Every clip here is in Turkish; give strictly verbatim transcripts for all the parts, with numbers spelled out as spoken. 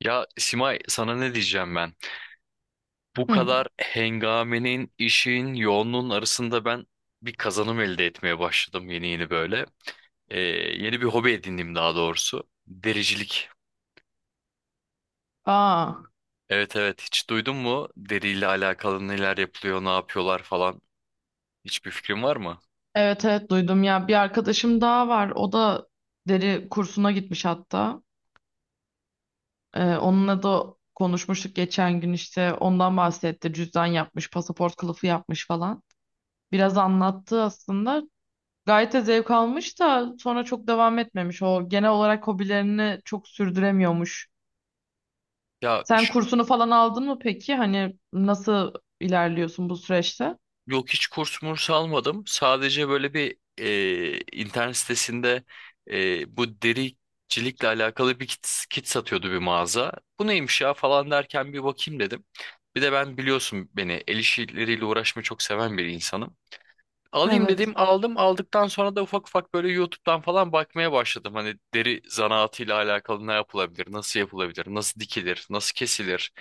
Ya Simay, sana ne diyeceğim ben? Bu Hı. kadar hengamenin, işin, yoğunluğun arasında ben bir kazanım elde etmeye başladım yeni yeni böyle. Ee, Yeni bir hobi edindim daha doğrusu. Dericilik. Aa, Evet evet, hiç duydun mu? Deriyle alakalı neler yapılıyor, ne yapıyorlar falan. Hiçbir fikrin var mı? evet evet duydum ya. Bir arkadaşım daha var. O da deri kursuna gitmiş hatta. Ee, onunla da konuşmuştuk geçen gün işte. Ondan bahsetti. Cüzdan yapmış, pasaport kılıfı yapmış falan. Biraz anlattı aslında. Gayet de zevk almış da sonra çok devam etmemiş. O genel olarak hobilerini çok sürdüremiyormuş. Ya, Sen kursunu falan aldın mı peki? Hani nasıl ilerliyorsun bu süreçte? yok hiç kurs murs almadım. Sadece böyle bir e, internet sitesinde e, bu dericilikle alakalı bir kit, kit satıyordu bir mağaza. Bu neymiş ya falan derken bir bakayım dedim. Bir de ben biliyorsun beni el işleriyle uğraşmayı çok seven bir insanım. Alayım Evet. dedim, aldım. Aldıktan sonra da ufak ufak böyle YouTube'dan falan bakmaya başladım. Hani deri zanaatıyla alakalı ne yapılabilir, nasıl yapılabilir, nasıl dikilir, nasıl kesilir.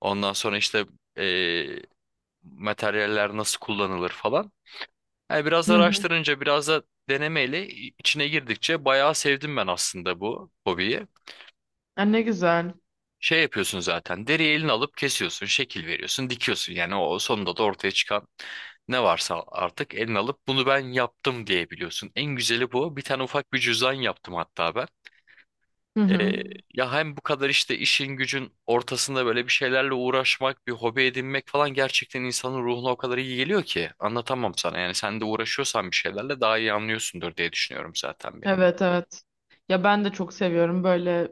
Ondan sonra işte e, materyaller nasıl kullanılır falan. Yani biraz Hı hı. araştırınca, biraz da denemeyle içine girdikçe bayağı sevdim ben aslında bu hobiyi. Ha, ne güzel. Şey yapıyorsun zaten, deriyi eline alıp kesiyorsun, şekil veriyorsun, dikiyorsun. Yani o sonunda da ortaya çıkan ne varsa artık eline alıp bunu ben yaptım diyebiliyorsun. En güzeli bu. Bir tane ufak bir cüzdan yaptım hatta ben. Hı hı. Ee, Ya hem bu kadar işte işin gücün ortasında böyle bir şeylerle uğraşmak, bir hobi edinmek falan gerçekten insanın ruhuna o kadar iyi geliyor ki anlatamam sana. Yani sen de uğraşıyorsan bir şeylerle daha iyi anlıyorsundur diye düşünüyorum zaten beni. Evet evet. Ya ben de çok seviyorum böyle,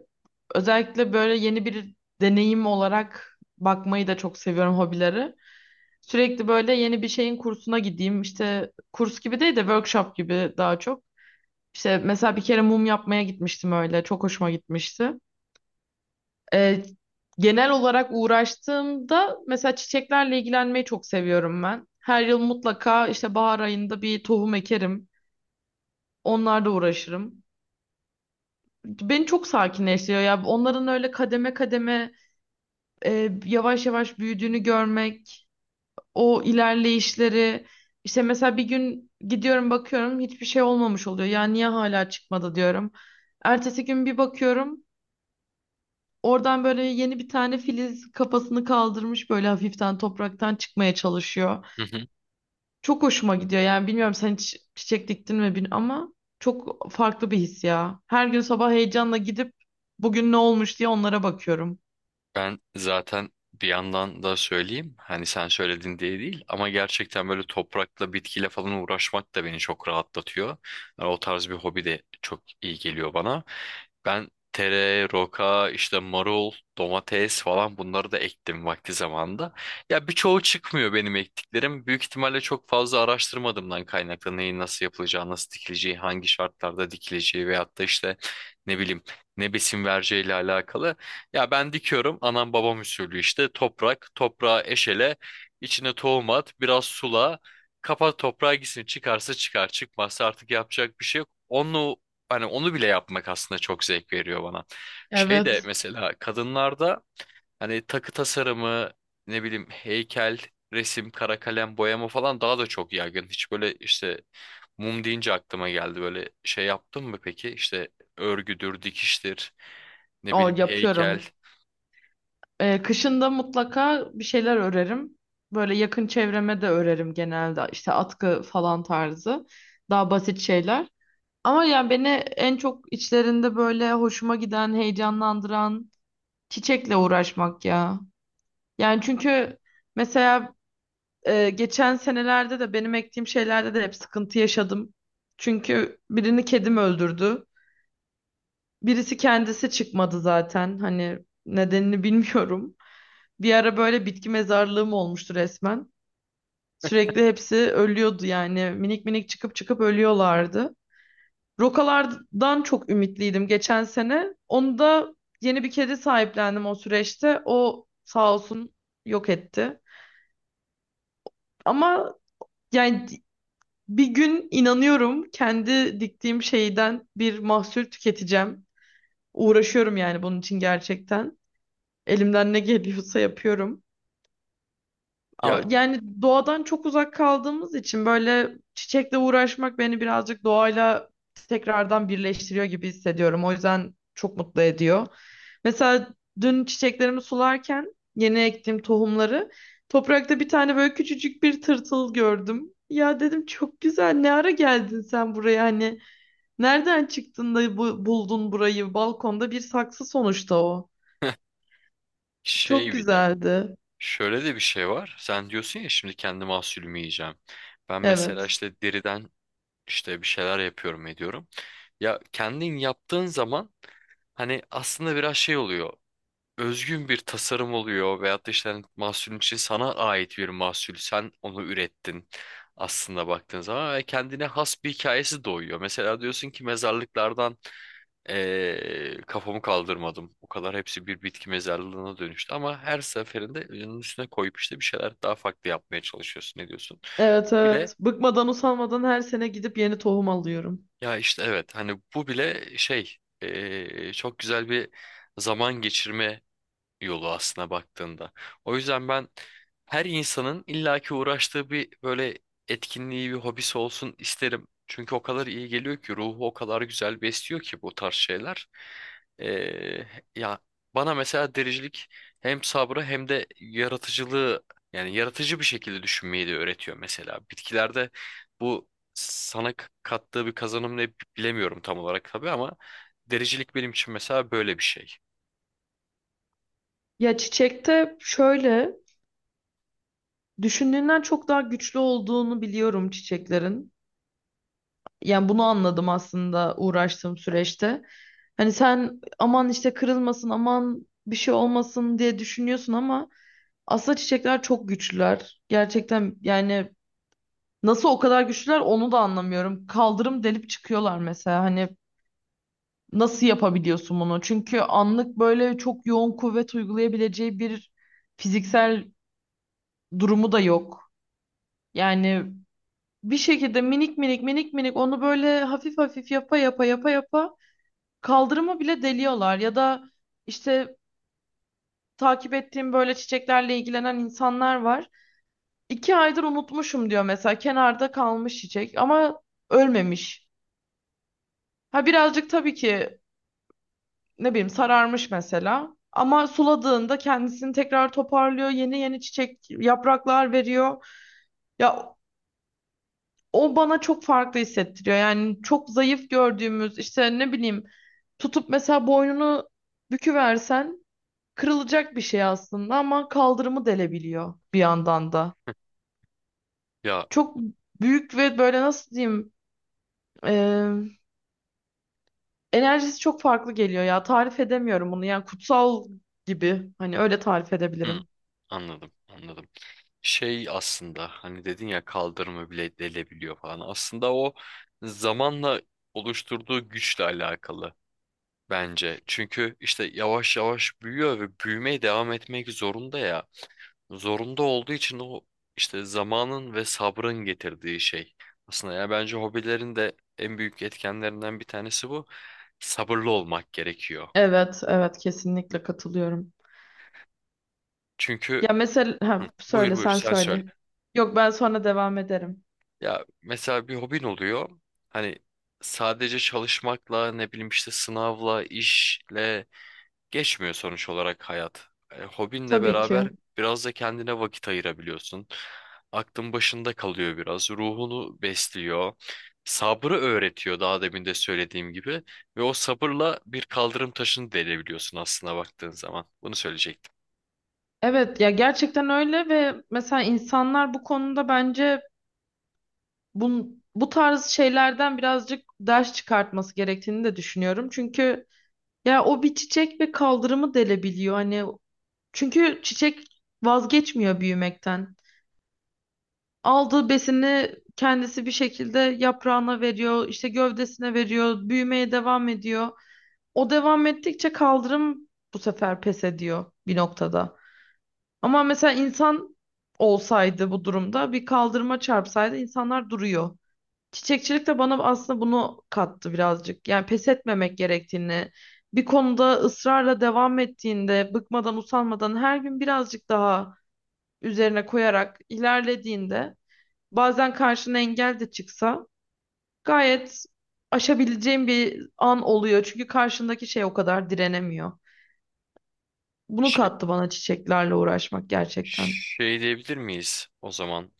özellikle böyle yeni bir deneyim olarak bakmayı da çok seviyorum hobileri. Sürekli böyle yeni bir şeyin kursuna gideyim. İşte kurs gibi değil de workshop gibi daha çok. İşte mesela bir kere mum yapmaya gitmiştim öyle. Çok hoşuma gitmişti. Ee, Genel olarak uğraştığımda mesela çiçeklerle ilgilenmeyi çok seviyorum ben. Her yıl mutlaka işte bahar ayında bir tohum ekerim. Onlarla uğraşırım. Beni çok sakinleştiriyor ya. Onların öyle kademe kademe, e, yavaş yavaş büyüdüğünü görmek, o ilerleyişleri. İşte mesela bir gün gidiyorum bakıyorum hiçbir şey olmamış oluyor. Ya niye hala çıkmadı diyorum. Ertesi gün bir bakıyorum oradan böyle yeni bir tane filiz kafasını kaldırmış, böyle hafiften topraktan çıkmaya çalışıyor. Çok hoşuma gidiyor yani. Bilmiyorum, sen hiç çiçek diktin mi bilmiyorum, ama çok farklı bir his ya. Her gün sabah heyecanla gidip bugün ne olmuş diye onlara bakıyorum. Ben zaten bir yandan da söyleyeyim hani sen söyledin diye değil ama gerçekten böyle toprakla bitkiyle falan uğraşmak da beni çok rahatlatıyor. Yani o tarz bir hobi de çok iyi geliyor bana. Ben tere, roka, işte marul, domates falan bunları da ektim vakti zamanında. Ya birçoğu çıkmıyor benim ektiklerim. Büyük ihtimalle çok fazla araştırmadığımdan kaynaklı neyin nasıl yapılacağı, nasıl dikileceği, hangi şartlarda dikileceği veyahut da işte ne bileyim ne besin vereceğiyle alakalı. Ya ben dikiyorum anam babam usulü, işte toprak toprağa, eşele içine tohum at, biraz sula, kapat toprağa gitsin, çıkarsa çıkar çıkmazsa artık yapacak bir şey yok. Onu, hani onu bile yapmak aslında çok zevk veriyor bana. Şey de Evet, mesela kadınlarda hani takı tasarımı, ne bileyim heykel, resim, kara kalem, boyama falan daha da çok yaygın. Hiç böyle işte, mum deyince aklıma geldi, böyle şey yaptın mı peki? İşte örgüdür, dikiştir, ne o bileyim heykel. yapıyorum. Ee, kışında mutlaka bir şeyler örerim. Böyle yakın çevreme de örerim genelde. İşte atkı falan tarzı. Daha basit şeyler. Ama yani beni en çok içlerinde böyle hoşuma giden, heyecanlandıran çiçekle uğraşmak ya. Yani çünkü mesela e, geçen senelerde de benim ektiğim şeylerde de hep sıkıntı yaşadım. Çünkü birini kedim öldürdü. Birisi kendisi çıkmadı zaten. Hani nedenini bilmiyorum. Bir ara böyle bitki mezarlığım olmuştu resmen. Sürekli hepsi ölüyordu yani. Minik minik çıkıp çıkıp ölüyorlardı. Rokalardan çok ümitliydim geçen sene. Onu da yeni bir kedi sahiplendim o süreçte. O sağ olsun yok etti. Ama yani bir gün inanıyorum kendi diktiğim şeyden bir mahsul tüketeceğim. Uğraşıyorum yani bunun için gerçekten. Elimden ne geliyorsa yapıyorum. Ya, A- Yani doğadan çok uzak kaldığımız için böyle çiçekle uğraşmak beni birazcık doğayla tekrardan birleştiriyor gibi hissediyorum. O yüzden çok mutlu ediyor. Mesela dün çiçeklerimi sularken, yeni ektiğim tohumları, toprakta bir tane böyle küçücük bir tırtıl gördüm. Ya dedim, çok güzel, ne ara geldin sen buraya, hani nereden çıktın da bu, buldun burayı? Balkonda bir saksı sonuçta o. Çok şey bir de, güzeldi. şöyle de bir şey var. Sen diyorsun ya şimdi kendi mahsulümü yiyeceğim. Ben mesela Evet. işte deriden işte bir şeyler yapıyorum ediyorum. Ya kendin yaptığın zaman hani aslında biraz şey oluyor. Özgün bir tasarım oluyor veyahut da işte hani mahsulün, için sana ait bir mahsul. Sen onu ürettin aslında baktığın zaman ve kendine has bir hikayesi doğuyor. Mesela diyorsun ki mezarlıklardan ee, kafamı kaldırmadım. O kadar hepsi bir bitki mezarlığına dönüştü ama her seferinde onun üstüne koyup işte bir şeyler daha farklı yapmaya çalışıyorsun. Ne diyorsun? Evet Bu bile, evet. Bıkmadan usanmadan her sene gidip yeni tohum alıyorum. ya işte evet hani bu bile şey, ee, çok güzel bir zaman geçirme yolu aslına baktığında. O yüzden ben her insanın illaki uğraştığı bir böyle etkinliği, bir hobisi olsun isterim. Çünkü o kadar iyi geliyor ki, ruhu o kadar güzel besliyor ki bu tarz şeyler. Ee, Ya bana mesela dericilik hem sabrı hem de yaratıcılığı, yani yaratıcı bir şekilde düşünmeyi de öğretiyor mesela. Bitkilerde bu sana k- kattığı bir kazanım ne bilemiyorum tam olarak tabii ama dericilik benim için mesela böyle bir şey. Ya çiçekte şöyle, düşündüğünden çok daha güçlü olduğunu biliyorum çiçeklerin. Yani bunu anladım aslında uğraştığım süreçte. Hani sen aman işte kırılmasın, aman bir şey olmasın diye düşünüyorsun ama aslında çiçekler çok güçlüler. Gerçekten yani, nasıl o kadar güçlüler onu da anlamıyorum. Kaldırım delip çıkıyorlar mesela. Hani nasıl yapabiliyorsun bunu? Çünkü anlık böyle çok yoğun kuvvet uygulayabileceği bir fiziksel durumu da yok. Yani bir şekilde minik minik minik minik onu böyle hafif hafif yapa yapa yapa yapa kaldırımı bile deliyorlar. Ya da işte, takip ettiğim böyle çiçeklerle ilgilenen insanlar var. İki aydır unutmuşum diyor mesela, kenarda kalmış çiçek ama ölmemiş. Ha birazcık tabii ki, ne bileyim, sararmış mesela. Ama suladığında kendisini tekrar toparlıyor. Yeni yeni çiçek, yapraklar veriyor. Ya o bana çok farklı hissettiriyor. Yani çok zayıf gördüğümüz, işte ne bileyim, tutup mesela boynunu büküversen kırılacak bir şey aslında, ama kaldırımı delebiliyor bir yandan da. Ya, Çok büyük ve böyle, nasıl diyeyim, e, enerjisi çok farklı geliyor ya. Tarif edemiyorum bunu. Yani kutsal gibi. Hani öyle tarif hı, edebilirim. anladım, anladım. Şey, aslında hani dedin ya kaldırımı bile delebiliyor falan. Aslında o zamanla oluşturduğu güçle alakalı bence. Çünkü işte yavaş yavaş büyüyor ve büyümeye devam etmek zorunda ya. Zorunda olduğu için o işte zamanın ve sabrın getirdiği şey. Aslında ya bence hobilerin de en büyük etkenlerinden bir tanesi bu. Sabırlı olmak gerekiyor. Evet, evet kesinlikle katılıyorum. Çünkü, Ya mesela, ha, buyur söyle buyur sen sen söyle. söyle. Yok ben sonra devam ederim. Ya mesela bir hobin oluyor. Hani sadece çalışmakla ne bileyim işte sınavla, işle geçmiyor sonuç olarak hayat. E, hobinle Tabii ki. beraber biraz da kendine vakit ayırabiliyorsun. Aklın başında kalıyor biraz. Ruhunu besliyor. Sabrı öğretiyor daha demin de söylediğim gibi. Ve o sabırla bir kaldırım taşını delebiliyorsun aslında baktığın zaman. Bunu söyleyecektim. Evet ya, gerçekten öyle. Ve mesela insanlar bu konuda bence bu, bu tarz şeylerden birazcık ders çıkartması gerektiğini de düşünüyorum. Çünkü ya o bir çiçek ve kaldırımı delebiliyor. Hani çünkü çiçek vazgeçmiyor büyümekten. Aldığı besini kendisi bir şekilde yaprağına veriyor, işte gövdesine veriyor, büyümeye devam ediyor. O devam ettikçe kaldırım bu sefer pes ediyor bir noktada. Ama mesela insan olsaydı, bu durumda bir kaldırıma çarpsaydı, insanlar duruyor. Çiçekçilik de bana aslında bunu kattı birazcık. Yani pes etmemek gerektiğini, bir konuda ısrarla devam ettiğinde, bıkmadan, usanmadan, her gün birazcık daha üzerine koyarak ilerlediğinde, bazen karşına engel de çıksa gayet aşabileceğin bir an oluyor. Çünkü karşındaki şey o kadar direnemiyor. Bunu Şey, kattı bana çiçeklerle uğraşmak gerçekten. şey diyebilir miyiz o zaman?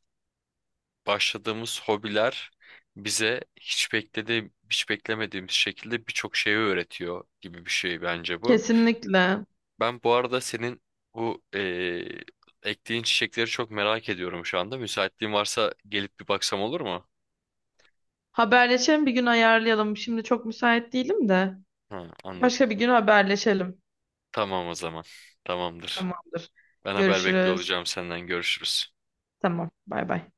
Başladığımız hobiler bize hiç beklediğim, hiç beklemediğimiz şekilde birçok şeyi öğretiyor gibi bir şey bence bu. Kesinlikle. Ben bu arada senin bu eee ektiğin çiçekleri çok merak ediyorum şu anda. Müsaitliğin varsa gelip bir baksam olur mu? Haberleşelim, bir gün ayarlayalım. Şimdi çok müsait değilim de. Ha, anladım. Başka bir gün haberleşelim. Tamam o zaman. Tamamdır. Tamamdır. Ben haber bekliyor Görüşürüz. olacağım senden. Görüşürüz. Tamam. Bay bay.